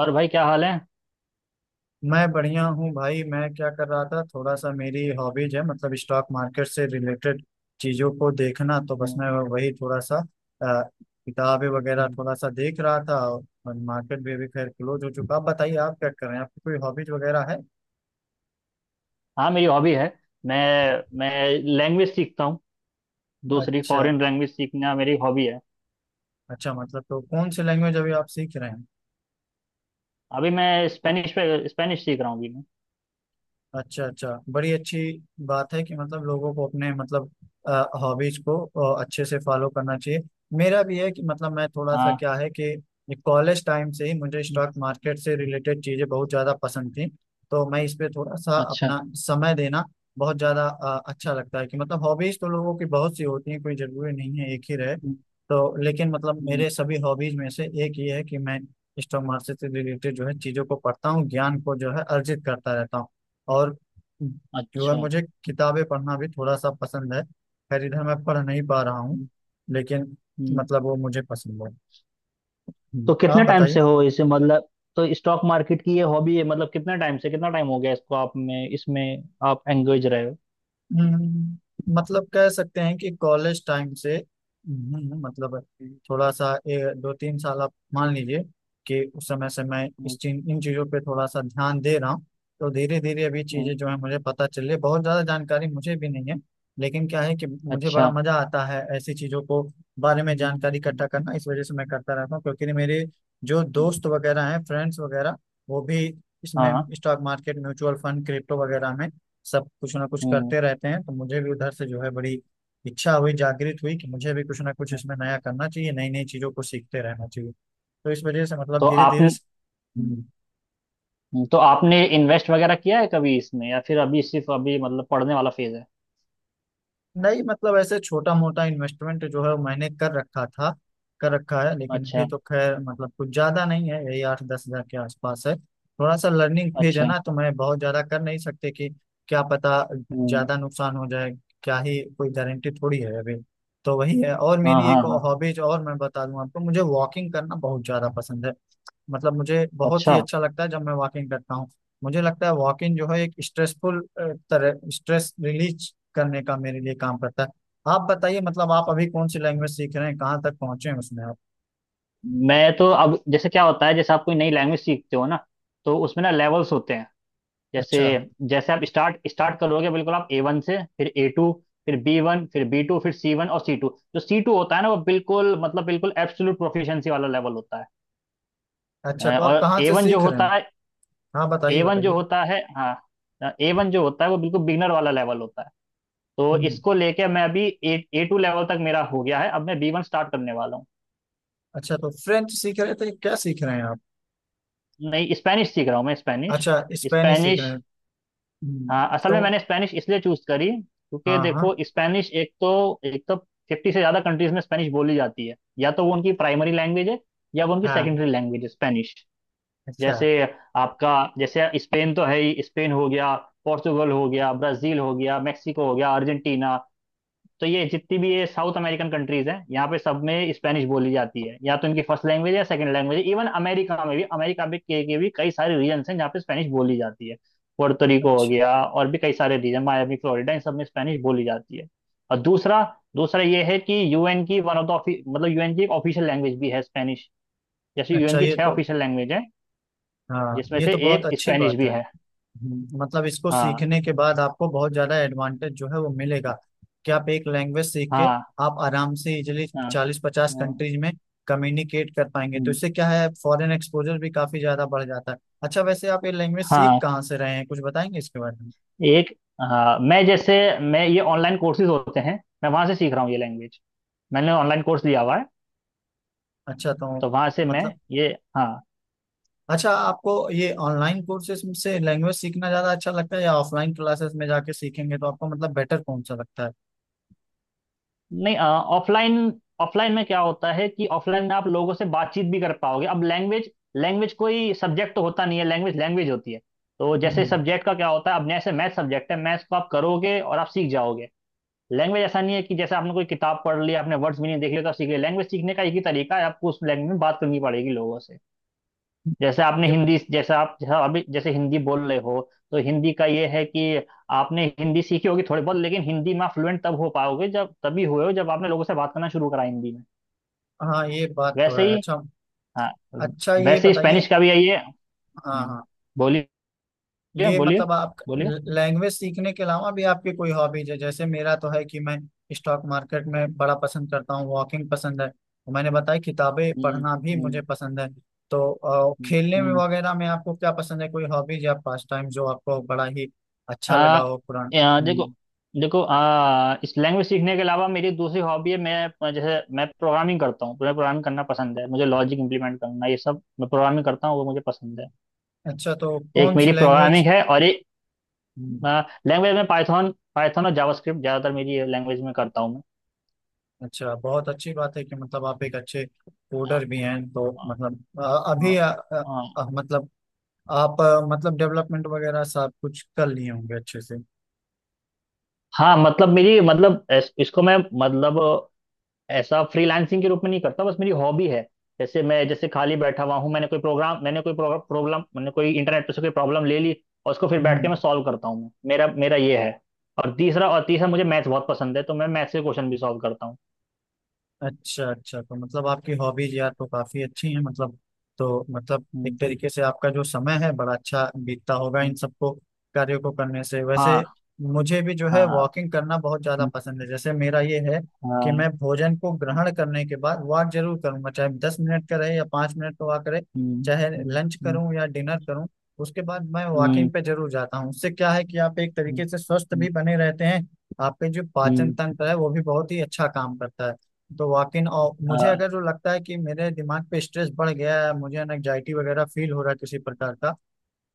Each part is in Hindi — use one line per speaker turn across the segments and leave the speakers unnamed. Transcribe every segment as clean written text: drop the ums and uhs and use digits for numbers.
और भाई, क्या हाल है?
मैं बढ़िया हूँ भाई। मैं क्या कर रहा था, थोड़ा सा मेरी हॉबीज है मतलब स्टॉक मार्केट से रिलेटेड चीज़ों को देखना। तो बस
हम्म,
मैं वही थोड़ा सा किताबें वगैरह
हम्म।
थोड़ा सा देख रहा था। और मार्केट भी अभी खैर क्लोज हो चुका। आप बताइए, आप क्या कर रहे हैं? आपकी कोई हॉबीज वगैरह है?
हाँ, मेरी हॉबी है। मैं मैं लैंग्वेज सीखता हूँ। दूसरी
अच्छा।
फॉरेन लैंग्वेज सीखना मेरी हॉबी है।
अच्छा मतलब तो कौन सी लैंग्वेज अभी आप सीख रहे हैं?
अभी मैं स्पेनिश सीख रहा हूँ अभी मैं
अच्छा, अच्छा, बड़ी अच्छी बात है कि मतलब लोगों को अपने मतलब हॉबीज को अच्छे से फॉलो करना चाहिए। मेरा भी है कि मतलब मैं थोड़ा सा
हाँ,
क्या है कि कॉलेज टाइम से ही मुझे
हम्म,
स्टॉक मार्केट से रिलेटेड चीज़ें बहुत ज़्यादा पसंद थी। तो मैं इस पे थोड़ा सा
अच्छा,
अपना समय देना बहुत ज़्यादा अच्छा लगता है कि मतलब हॉबीज तो लोगों की बहुत सी होती हैं, कोई ज़रूरी नहीं है एक ही रहे।
हम्म,
तो लेकिन मतलब
हम्म,
मेरे सभी हॉबीज में से एक ये है कि मैं स्टॉक मार्केट से रिलेटेड जो है चीज़ों को पढ़ता हूँ, ज्ञान को जो है अर्जित करता रहता हूँ। और जो है
अच्छा,
मुझे किताबें पढ़ना भी थोड़ा सा पसंद है। खैर इधर मैं पढ़ नहीं पा रहा हूँ,
हम्म,
लेकिन
हम्म।
मतलब वो मुझे पसंद है।
तो
आप
कितने टाइम
बताइए।
से हो इसे मतलब तो स्टॉक मार्केट की ये हॉबी है। मतलब कितने टाइम से कितना टाइम हो गया इसको, आप में इसमें आप एंगेज रहे हो?
मतलब कह सकते हैं कि कॉलेज टाइम से मतलब थोड़ा सा 2-3 साल आप मान लीजिए कि उस समय से मैं इस
हम्म,
चीज इन चीज़ों पे थोड़ा सा ध्यान दे रहा हूँ। तो धीरे धीरे अभी
हम्म,
चीज़ें जो है मुझे पता चल रही है। बहुत ज़्यादा जानकारी मुझे भी नहीं है, लेकिन क्या है कि मुझे बड़ा
अच्छा,
मज़ा आता है ऐसी चीज़ों को बारे में
हम्म,
जानकारी
हम्म,
इकट्ठा करना। इस वजह से मैं करता रहता हूँ, क्योंकि मेरे जो
हम्म,
दोस्त वगैरह हैं, फ्रेंड्स वगैरह, वो भी इसमें
हाँ,
stock market, mutual fund, crypto वगैरह में सब कुछ ना कुछ
हम्म,
करते रहते हैं। तो मुझे भी उधर से जो है बड़ी इच्छा हुई, जागृत हुई, कि मुझे भी कुछ ना कुछ
हम्म।
इसमें नया करना चाहिए, नई नई चीजों को सीखते रहना चाहिए। तो इस वजह से मतलब
तो
धीरे धीरे।
आपने तो आपने इन्वेस्ट वगैरह किया है कभी इसमें, या फिर अभी सिर्फ अभी, मतलब, पढ़ने वाला फेज है?
नहीं मतलब ऐसे छोटा मोटा इन्वेस्टमेंट जो है मैंने कर रखा था, कर रखा है, लेकिन भी
अच्छा,
तो खैर मतलब कुछ ज्यादा नहीं है, यही 8-10 हजार के आसपास है। थोड़ा सा लर्निंग फेज है
अच्छा,
ना, तो मैं बहुत ज्यादा कर नहीं सकते कि क्या पता
हम्म,
ज्यादा नुकसान हो जाए। क्या ही कोई गारंटी थोड़ी है अभी। तो वही है। और
हाँ,
मेरी
हाँ,
एक
हाँ,
हॉबीज और मैं बता दूं आपको, मुझे वॉकिंग करना बहुत ज्यादा पसंद है। मतलब मुझे बहुत ही
अच्छा।
अच्छा लगता है जब मैं वॉकिंग करता हूँ। मुझे लगता है वॉकिंग जो है एक स्ट्रेसफुल तरह स्ट्रेस रिलीज करने का मेरे लिए काम करता है। आप बताइए, मतलब आप अभी कौन सी लैंग्वेज सीख रहे हैं, कहाँ तक पहुंचे हैं उसमें आप?
मैं तो अब, जैसे क्या होता है, जैसे आप कोई नई लैंग्वेज सीखते हो ना, तो उसमें ना लेवल्स होते हैं। जैसे
अच्छा।
जैसे आप स्टार्ट स्टार्ट करोगे, बिल्कुल, आप A1 से, फिर A2, फिर B1, फिर B2, फिर C1 और C2। जो C2 होता है ना, वो बिल्कुल, मतलब, बिल्कुल एब्सोल्यूट प्रोफिशिएंसी वाला लेवल होता है।
अच्छा तो आप
और
कहाँ से सीख रहे हैं? हाँ
ए
बताइए,
वन जो
बताइए।
होता है हाँ, A1 जो होता है वो बिल्कुल बिगनर वाला लेवल होता है। तो
हम्म।
इसको लेके मैं अभी ए A2 लेवल तक मेरा हो गया है। अब मैं B1 स्टार्ट करने वाला हूँ।
अच्छा तो फ्रेंच सीख रहे थे, क्या सीख रहे हैं आप?
नहीं, स्पेनिश सीख रहा हूँ मैं, स्पेनिश,
अच्छा, स्पेनिश सीख रहे
स्पेनिश।
हैं।
हाँ, असल में
तो
मैंने स्पेनिश इसलिए चूज करी क्योंकि
हाँ, हाँ,
देखो, स्पेनिश, एक तो 50 से ज़्यादा कंट्रीज में स्पेनिश बोली जाती है, या तो वो उनकी प्राइमरी लैंग्वेज है या वो उनकी
हाँ।
सेकेंडरी लैंग्वेज है, स्पेनिश।
अच्छा।
जैसे आपका जैसे स्पेन तो है ही, स्पेन हो गया, पोर्तुगल हो गया, ब्राज़ील हो गया, मैक्सिको हो गया, अर्जेंटीना। तो ये जितनी भी ये साउथ अमेरिकन कंट्रीज हैं, यहाँ पे सब में स्पेनिश बोली जाती है, या तो इनकी फर्स्ट लैंग्वेज या सेकंड लैंग्वेज। इवन अमेरिका में भी, अमेरिका में के भी कई सारे रीजन्स हैं जहाँ पे स्पेनिश बोली जाती है। पोर्टोरिको हो
अच्छा।
गया, और भी कई सारे रीजन, मायामी, फ्लोरिडा, इन सब में स्पेनिश बोली जाती है। और दूसरा दूसरा ये है कि यूएन की वन ऑफ द ऑफि- मतलब, यूएन की एक ऑफिशियल लैंग्वेज भी है, स्पेनिश। जैसे यूएन
अच्छा
की
ये
6
तो,
ऑफिशियल लैंग्वेज है,
हाँ
जिसमें
ये
से
तो बहुत
एक
अच्छी
स्पेनिश
बात
भी
है।
है।
मतलब इसको
हाँ,
सीखने के बाद आपको बहुत ज्यादा एडवांटेज जो है वो मिलेगा कि आप एक लैंग्वेज सीख के
हाँ,
आप आराम से इजिली
हाँ, हाँ,
चालीस पचास
हाँ,
कंट्रीज में कम्युनिकेट कर पाएंगे। तो इससे क्या है, फॉरेन एक्सपोजर भी काफी ज्यादा बढ़ जाता है। अच्छा वैसे आप ये लैंग्वेज सीख
हाँ।
कहाँ से रहे हैं, कुछ बताएंगे इसके बारे में?
एक हाँ, मैं ये ऑनलाइन कोर्सेज होते हैं, मैं वहां से सीख रहा हूँ ये लैंग्वेज, मैंने ऑनलाइन कोर्स लिया हुआ है,
अच्छा तो
तो वहां से मैं
मतलब,
ये हाँ।
अच्छा, आपको ये ऑनलाइन कोर्सेज से लैंग्वेज सीखना ज्यादा अच्छा लगता है या ऑफलाइन क्लासेस में जाके सीखेंगे तो आपको मतलब बेटर कौन सा लगता है?
नहीं, ऑफलाइन। ऑफलाइन में क्या होता है कि ऑफलाइन में आप लोगों से बातचीत भी कर पाओगे। अब लैंग्वेज लैंग्वेज कोई सब्जेक्ट तो होता नहीं है, लैंग्वेज लैंग्वेज होती है। तो जैसे
हम्म।
सब्जेक्ट का क्या होता है, अब जैसे मैथ सब्जेक्ट है, मैथ्स को आप करोगे और आप सीख जाओगे। लैंग्वेज ऐसा नहीं है कि जैसे आपने कोई किताब पढ़ ली, आपने वर्ड्स भी नहीं देख लिया तो आप सीख लिया। लैंग्वेज सीखने का एक ही तरीका है, आपको उस लैंग्वेज में बात करनी पड़ेगी लोगों से। जैसे आपने
ये-
हिंदी जैसा आप जैसा अभी जैसे हिंदी बोल रहे हो, तो हिंदी का ये है कि आपने हिंदी सीखी होगी थोड़ी बहुत, लेकिन हिंदी में आप फ्लुएंट तब हो पाओगे, जब तभी हुए हो जब आपने लोगों से बात करना शुरू करा हिंदी में।
हाँ ये बात तो
वैसे
है।
ही,
अच्छा।
हाँ,
अच्छा ये
वैसे ही
बताइए।
स्पेनिश का भी यही है।
हाँ,
हम्म,
हाँ।
बोलिए,
ये
बोलिए,
मतलब आप
बोलिए,
लैंग्वेज सीखने के अलावा भी आपकी कोई हॉबीज है? जैसे मेरा तो है कि मैं स्टॉक मार्केट में बड़ा पसंद करता हूँ, वॉकिंग पसंद है, मैंने बताया किताबें
हम्म,
पढ़ना भी
हम्म,
मुझे पसंद है। तो
हम्म,
खेलने
हम्म।
में वगैरह में आपको क्या पसंद है, कोई हॉबीज या पास टाइम जो आपको बड़ा ही
आ,
अच्छा लगा हो
आ, देखो
पुराना?
देखो इस लैंग्वेज सीखने के अलावा मेरी दूसरी हॉबी है, मैं प्रोग्रामिंग करता हूँ, मुझे प्रोग्रामिंग करना पसंद है, मुझे लॉजिक इंप्लीमेंट करना, ये सब मैं प्रोग्रामिंग करता हूँ, वो मुझे पसंद है।
अच्छा तो
एक
कौन सी
मेरी
लैंग्वेज?
प्रोग्रामिंग है, और एक,
हम्म,
लैंग्वेज में पाइथन पाइथन और जावास्क्रिप्ट, ज़्यादातर मेरी लैंग्वेज में करता हूँ।
अच्छा, बहुत अच्छी बात है कि मतलब आप एक अच्छे
मैं
कोडर भी हैं, तो
अ,
मतलब अभी
अ, अ,
मतलब आप मतलब डेवलपमेंट वगैरह सब कुछ कर लिए होंगे अच्छे से।
हाँ, मतलब, मेरी, मतलब इस- इसको मैं मतलब ऐसा फ्रीलांसिंग के रूप में नहीं करता, बस मेरी हॉबी है। जैसे खाली बैठा हुआ हूँ, मैंने कोई इंटरनेट पे से कोई प्रॉब्लम ले ली, और उसको फिर बैठ के मैं
हम्म।
सॉल्व करता हूँ, मैं मेरा मेरा ये है। और तीसरा, मुझे मैथ्स बहुत पसंद है, तो मैं मैथ्स के क्वेश्चन भी सॉल्व करता हूँ।
अच्छा। अच्छा तो मतलब आपकी हॉबीज यार तो काफी अच्छी हैं मतलब, तो मतलब एक
हम्म,
तरीके से आपका जो समय है बड़ा अच्छा बीतता होगा इन
हम्म,
सबको कार्यों को करने से। वैसे
हाँ,
मुझे भी जो है
हाँ,
वॉकिंग करना बहुत ज्यादा
हम्म,
पसंद है। जैसे मेरा ये है कि
हाँ,
मैं भोजन को ग्रहण करने के बाद वॉक जरूर करूंगा, चाहे 10 मिनट का रहे या 5 मिनट का वॉक रहे।
हम्म,
चाहे
हम्म,
लंच
हम्म,
करूं या डिनर करूं, उसके बाद मैं
हम्म,
वॉकिंग पे जरूर जाता हूँ। उससे क्या है कि आप एक
हम्म,
तरीके से स्वस्थ भी
हम्म,
बने रहते हैं, आपके जो पाचन
हम्म,
तंत्र है वो भी बहुत ही अच्छा काम करता है। तो वाकिन और मुझे
हाँ,
अगर जो लगता है कि मेरे दिमाग पे स्ट्रेस बढ़ गया है, मुझे एनजाइटी वगैरह फील हो रहा है किसी प्रकार का,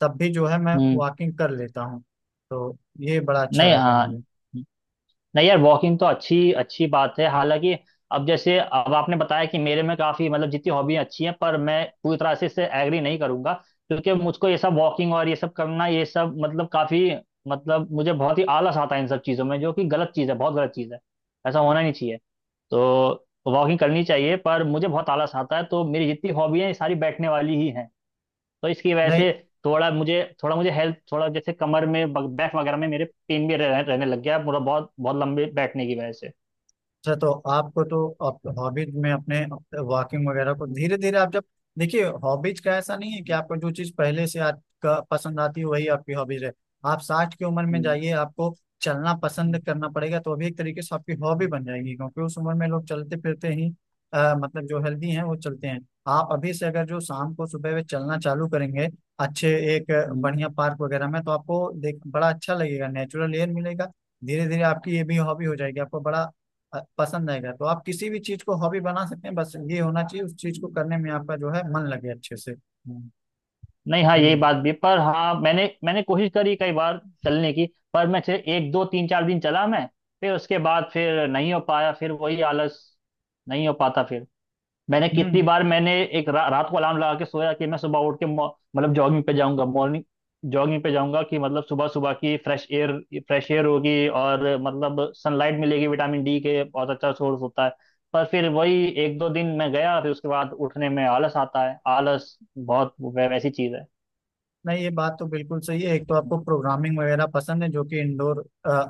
तब भी जो है मैं
हम्म।
वॉकिंग कर लेता हूँ। तो ये बड़ा अच्छा
नहीं,
रहता है
हाँ।
मेरे लिए।
नहीं यार, वॉकिंग तो अच्छी अच्छी बात है, हालांकि। अब आपने बताया कि मेरे में काफी, मतलब, जितनी हॉबी अच्छी हैं, पर मैं पूरी तरह से इससे एग्री नहीं करूंगा, क्योंकि मुझको ये सब वॉकिंग और ये सब करना, ये सब मतलब काफी, मतलब मुझे बहुत ही आलस आता है इन सब चीजों में, जो कि गलत चीज है, बहुत गलत चीज है, ऐसा होना नहीं चाहिए। तो वॉकिंग करनी चाहिए, पर मुझे बहुत आलस आता है, तो मेरी जितनी हॉबी है, सारी बैठने वाली ही है। तो इसकी वजह
नहीं।
से थोड़ा मुझे, हेल्थ थोड़ा, जैसे कमर में, बैक वगैरह में मेरे पेन भी रहने लग गया पूरा, बहुत बहुत लंबे बैठने की वजह से।
अच्छा तो आपको तो, आप हॉबीज में अपने वॉकिंग वगैरह को
हम्म,
धीरे धीरे आप जब, देखिए हॉबीज का ऐसा नहीं है कि आपको जो चीज पहले से आपका पसंद आती है वही आपकी हॉबीज है। आप 60 की उम्र में
हम्म,
जाइए, आपको चलना पसंद
हम्म,
करना पड़ेगा। तो अभी एक तरीके से आपकी हॉबी बन जाएगी, क्योंकि उस उम्र में लोग चलते फिरते ही मतलब जो हेल्दी हैं वो चलते हैं। आप अभी से अगर जो शाम को सुबह वे चलना चालू करेंगे अच्छे एक
हम्म,
बढ़िया पार्क वगैरह में, तो आपको देख बड़ा अच्छा लगेगा, नेचुरल एयर मिलेगा। धीरे धीरे आपकी ये भी हॉबी हो जाएगी, आपको बड़ा पसंद आएगा। तो आप किसी भी चीज को हॉबी बना सकते हैं, बस ये होना चाहिए उस चीज को करने में आपका जो है मन लगे अच्छे से।
हम्म। नहीं, हाँ, यही
हम्म
बात भी, पर हाँ, मैंने मैंने कोशिश करी कई बार चलने की, पर मैं सिर्फ एक दो तीन चार दिन चला मैं, फिर उसके बाद फिर नहीं हो पाया, फिर वही आलस, नहीं हो पाता फिर। मैंने कितनी
हम्म
बार, मैंने एक रात को अलार्म लगा के सोया कि मैं सुबह उठ के मतलब जॉगिंग पे जाऊंगा, मॉर्निंग जॉगिंग पे जाऊंगा, कि मतलब सुबह सुबह की फ्रेश एयर, होगी, और मतलब सनलाइट मिलेगी, विटामिन D के बहुत अच्छा सोर्स होता है। पर फिर वही एक दो दिन मैं गया, फिर उसके बाद उठने में आलस आता है, आलस बहुत वैसी चीज है।
नहीं ये बात तो बिल्कुल सही है। एक तो आपको प्रोग्रामिंग वगैरह पसंद है जो कि इंडोर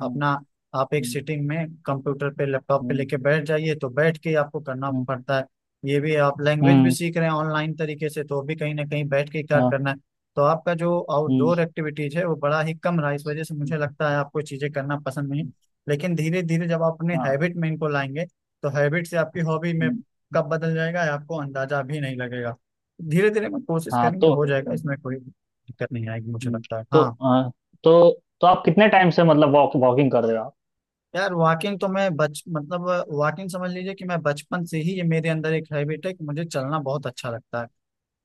हम्म,
आप एक
हम्म,
सिटिंग में कंप्यूटर पे लैपटॉप पे
हम्म,
लेके बैठ जाइए तो बैठ के ही आपको करना
हम्म,
पड़ता है। ये भी आप
हम्म,
लैंग्वेज भी
हम्म,
सीख रहे हैं ऑनलाइन तरीके से, तो भी कहीं ना कहीं बैठ के ही कार्य
हाँ,
करना है। तो आपका जो
हम्म,
आउटडोर एक्टिविटीज है वो बड़ा ही कम रहा, इस वजह से
हम्म,
मुझे लगता है आपको चीजें करना पसंद नहीं। लेकिन धीरे धीरे जब आप अपने
हाँ,
हैबिट में इनको लाएंगे, तो हैबिट से आपकी हॉबी में
हम्म,
कब बदल जाएगा आपको अंदाजा भी नहीं लगेगा। धीरे धीरे मैं कोशिश
हाँ
करेंगे
तो,
हो जाएगा, इसमें कोई दिक्कत नहीं आएगी मुझे
हम्म,
लगता है।
तो
हाँ।
तो तो आप कितने टाइम से, मतलब वॉकिंग कर रहे हो आप?
यार वॉकिंग तो मैं बच मतलब वॉकिंग समझ लीजिए कि मैं बचपन से ही, ये मेरे अंदर एक हैबिट है कि मुझे चलना बहुत अच्छा लगता है।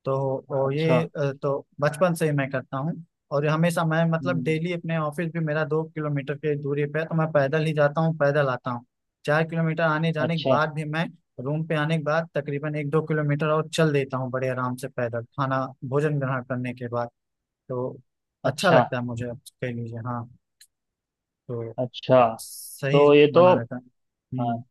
तो और
अच्छा,
ये तो बचपन से ही मैं करता हूँ। और ये हमेशा मैं मतलब
हम्म,
डेली अपने ऑफिस भी, मेरा 2 किलोमीटर की दूरी पे है तो मैं पैदल ही जाता हूँ, पैदल आता हूँ। 4 किलोमीटर आने जाने के
अच्छा,
बाद भी मैं रूम पे आने के बाद तकरीबन 1-2 किलोमीटर और चल देता हूँ बड़े आराम से पैदल, खाना भोजन ग्रहण करने के बाद। तो अच्छा
अच्छा,
लगता है मुझे कह लीजिए। हाँ तो
अच्छा,
सही
तो ये तो,
बना रहता है।
हाँ,
हम्म।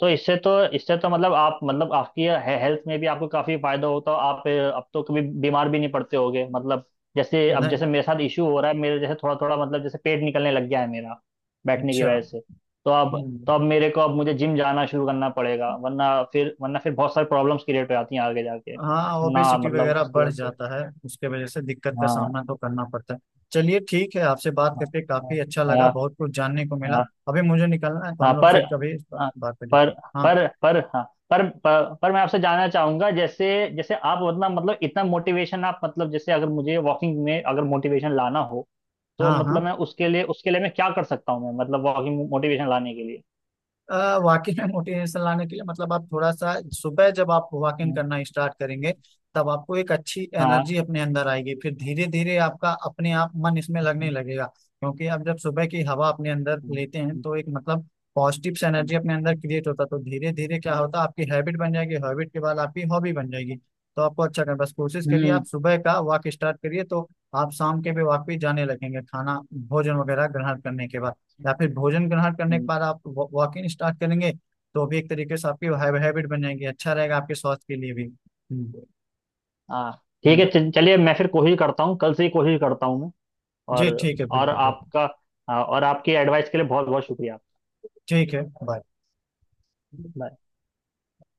तो इससे तो, मतलब आप, मतलब, आपकी हेल्थ में भी आपको काफी फायदा होता है। अब तो कभी बीमार भी नहीं पड़ते होगे, मतलब। जैसे अब,
नहीं।
जैसे मेरे साथ इशू हो रहा है, मेरे जैसे थोड़ा थोड़ा, मतलब, जैसे पेट निकलने लग गया है मेरा, बैठने की
अच्छा।
वजह से। तो अब, तो
हम्म।
अब मेरे को अब मुझे जिम जाना शुरू करना पड़ेगा, वरना फिर, बहुत सारी प्रॉब्लम्स क्रिएट हो जाती हैं आगे जाके।
हाँ,
ना,
ओबेसिटी
मतलब
वगैरह
उसकी
बढ़
वजह से।
जाता है, उसके वजह से दिक्कत का सामना
हाँ,
तो करना पड़ता है। चलिए ठीक है, आपसे बात
हाँ,
करके
हाँ,
काफी अच्छा लगा,
हाँ,
बहुत कुछ जानने को मिला।
हाँ,
अभी मुझे निकलना है, तो
हाँ,
हम लोग
पर,
फिर कभी इस
हाँ,
बात पे
पर
देखते हैं। हाँ।
पर पर हाँ, पर मैं आपसे जानना चाहूंगा, जैसे जैसे आप मतलब इतना मोटिवेशन आप, मतलब, जैसे अगर मुझे वॉकिंग में अगर मोटिवेशन लाना हो, तो
हाँ।
मतलब
हाँ।
मैं उसके लिए, मैं क्या कर सकता हूँ मैं, मतलब वॉकिंग मोटिवेशन लाने के लिए?
वाकई में मोटिवेशन लाने के लिए मतलब आप थोड़ा सा सुबह जब आप वॉकिंग
हम्म,
करना स्टार्ट करेंगे, तब आपको एक अच्छी
हाँ,
एनर्जी अपने अंदर आएगी, फिर धीरे धीरे आपका अपने आप मन इसमें लगने
हम्म,
लगेगा, क्योंकि आप जब सुबह की हवा अपने अंदर लेते हैं तो एक मतलब पॉजिटिव से
हम्म,
एनर्जी अपने अंदर क्रिएट होता है। तो धीरे धीरे क्या होता है, आपकी हैबिट बन जाएगी, हैबिट के बाद आपकी हॉबी बन जाएगी। तो आपको अच्छा करना बस, कोशिश करिए,
हम्म,
आप सुबह का वॉक स्टार्ट करिए, तो आप शाम के भी वॉक पे जाने लगेंगे खाना भोजन वगैरह ग्रहण करने के बाद, या फिर भोजन ग्रहण करने के
हम्म,
बाद आप वॉकिंग स्टार्ट करेंगे तो भी एक तरीके से आपकी हैबिट बन जाएंगी, अच्छा रहेगा आपके स्वास्थ्य के लिए भी। हम्म,
हाँ। ठीक है,
हाँ।
चलिए, मैं फिर कोशिश करता हूँ, कल से ही कोशिश करता हूँ मैं।
जी
और
ठीक है,
और
बिल्कुल बिल्कुल।
आपका हाँ, और आपकी एडवाइस के लिए बहुत बहुत शुक्रिया।
ठीक है, बाय।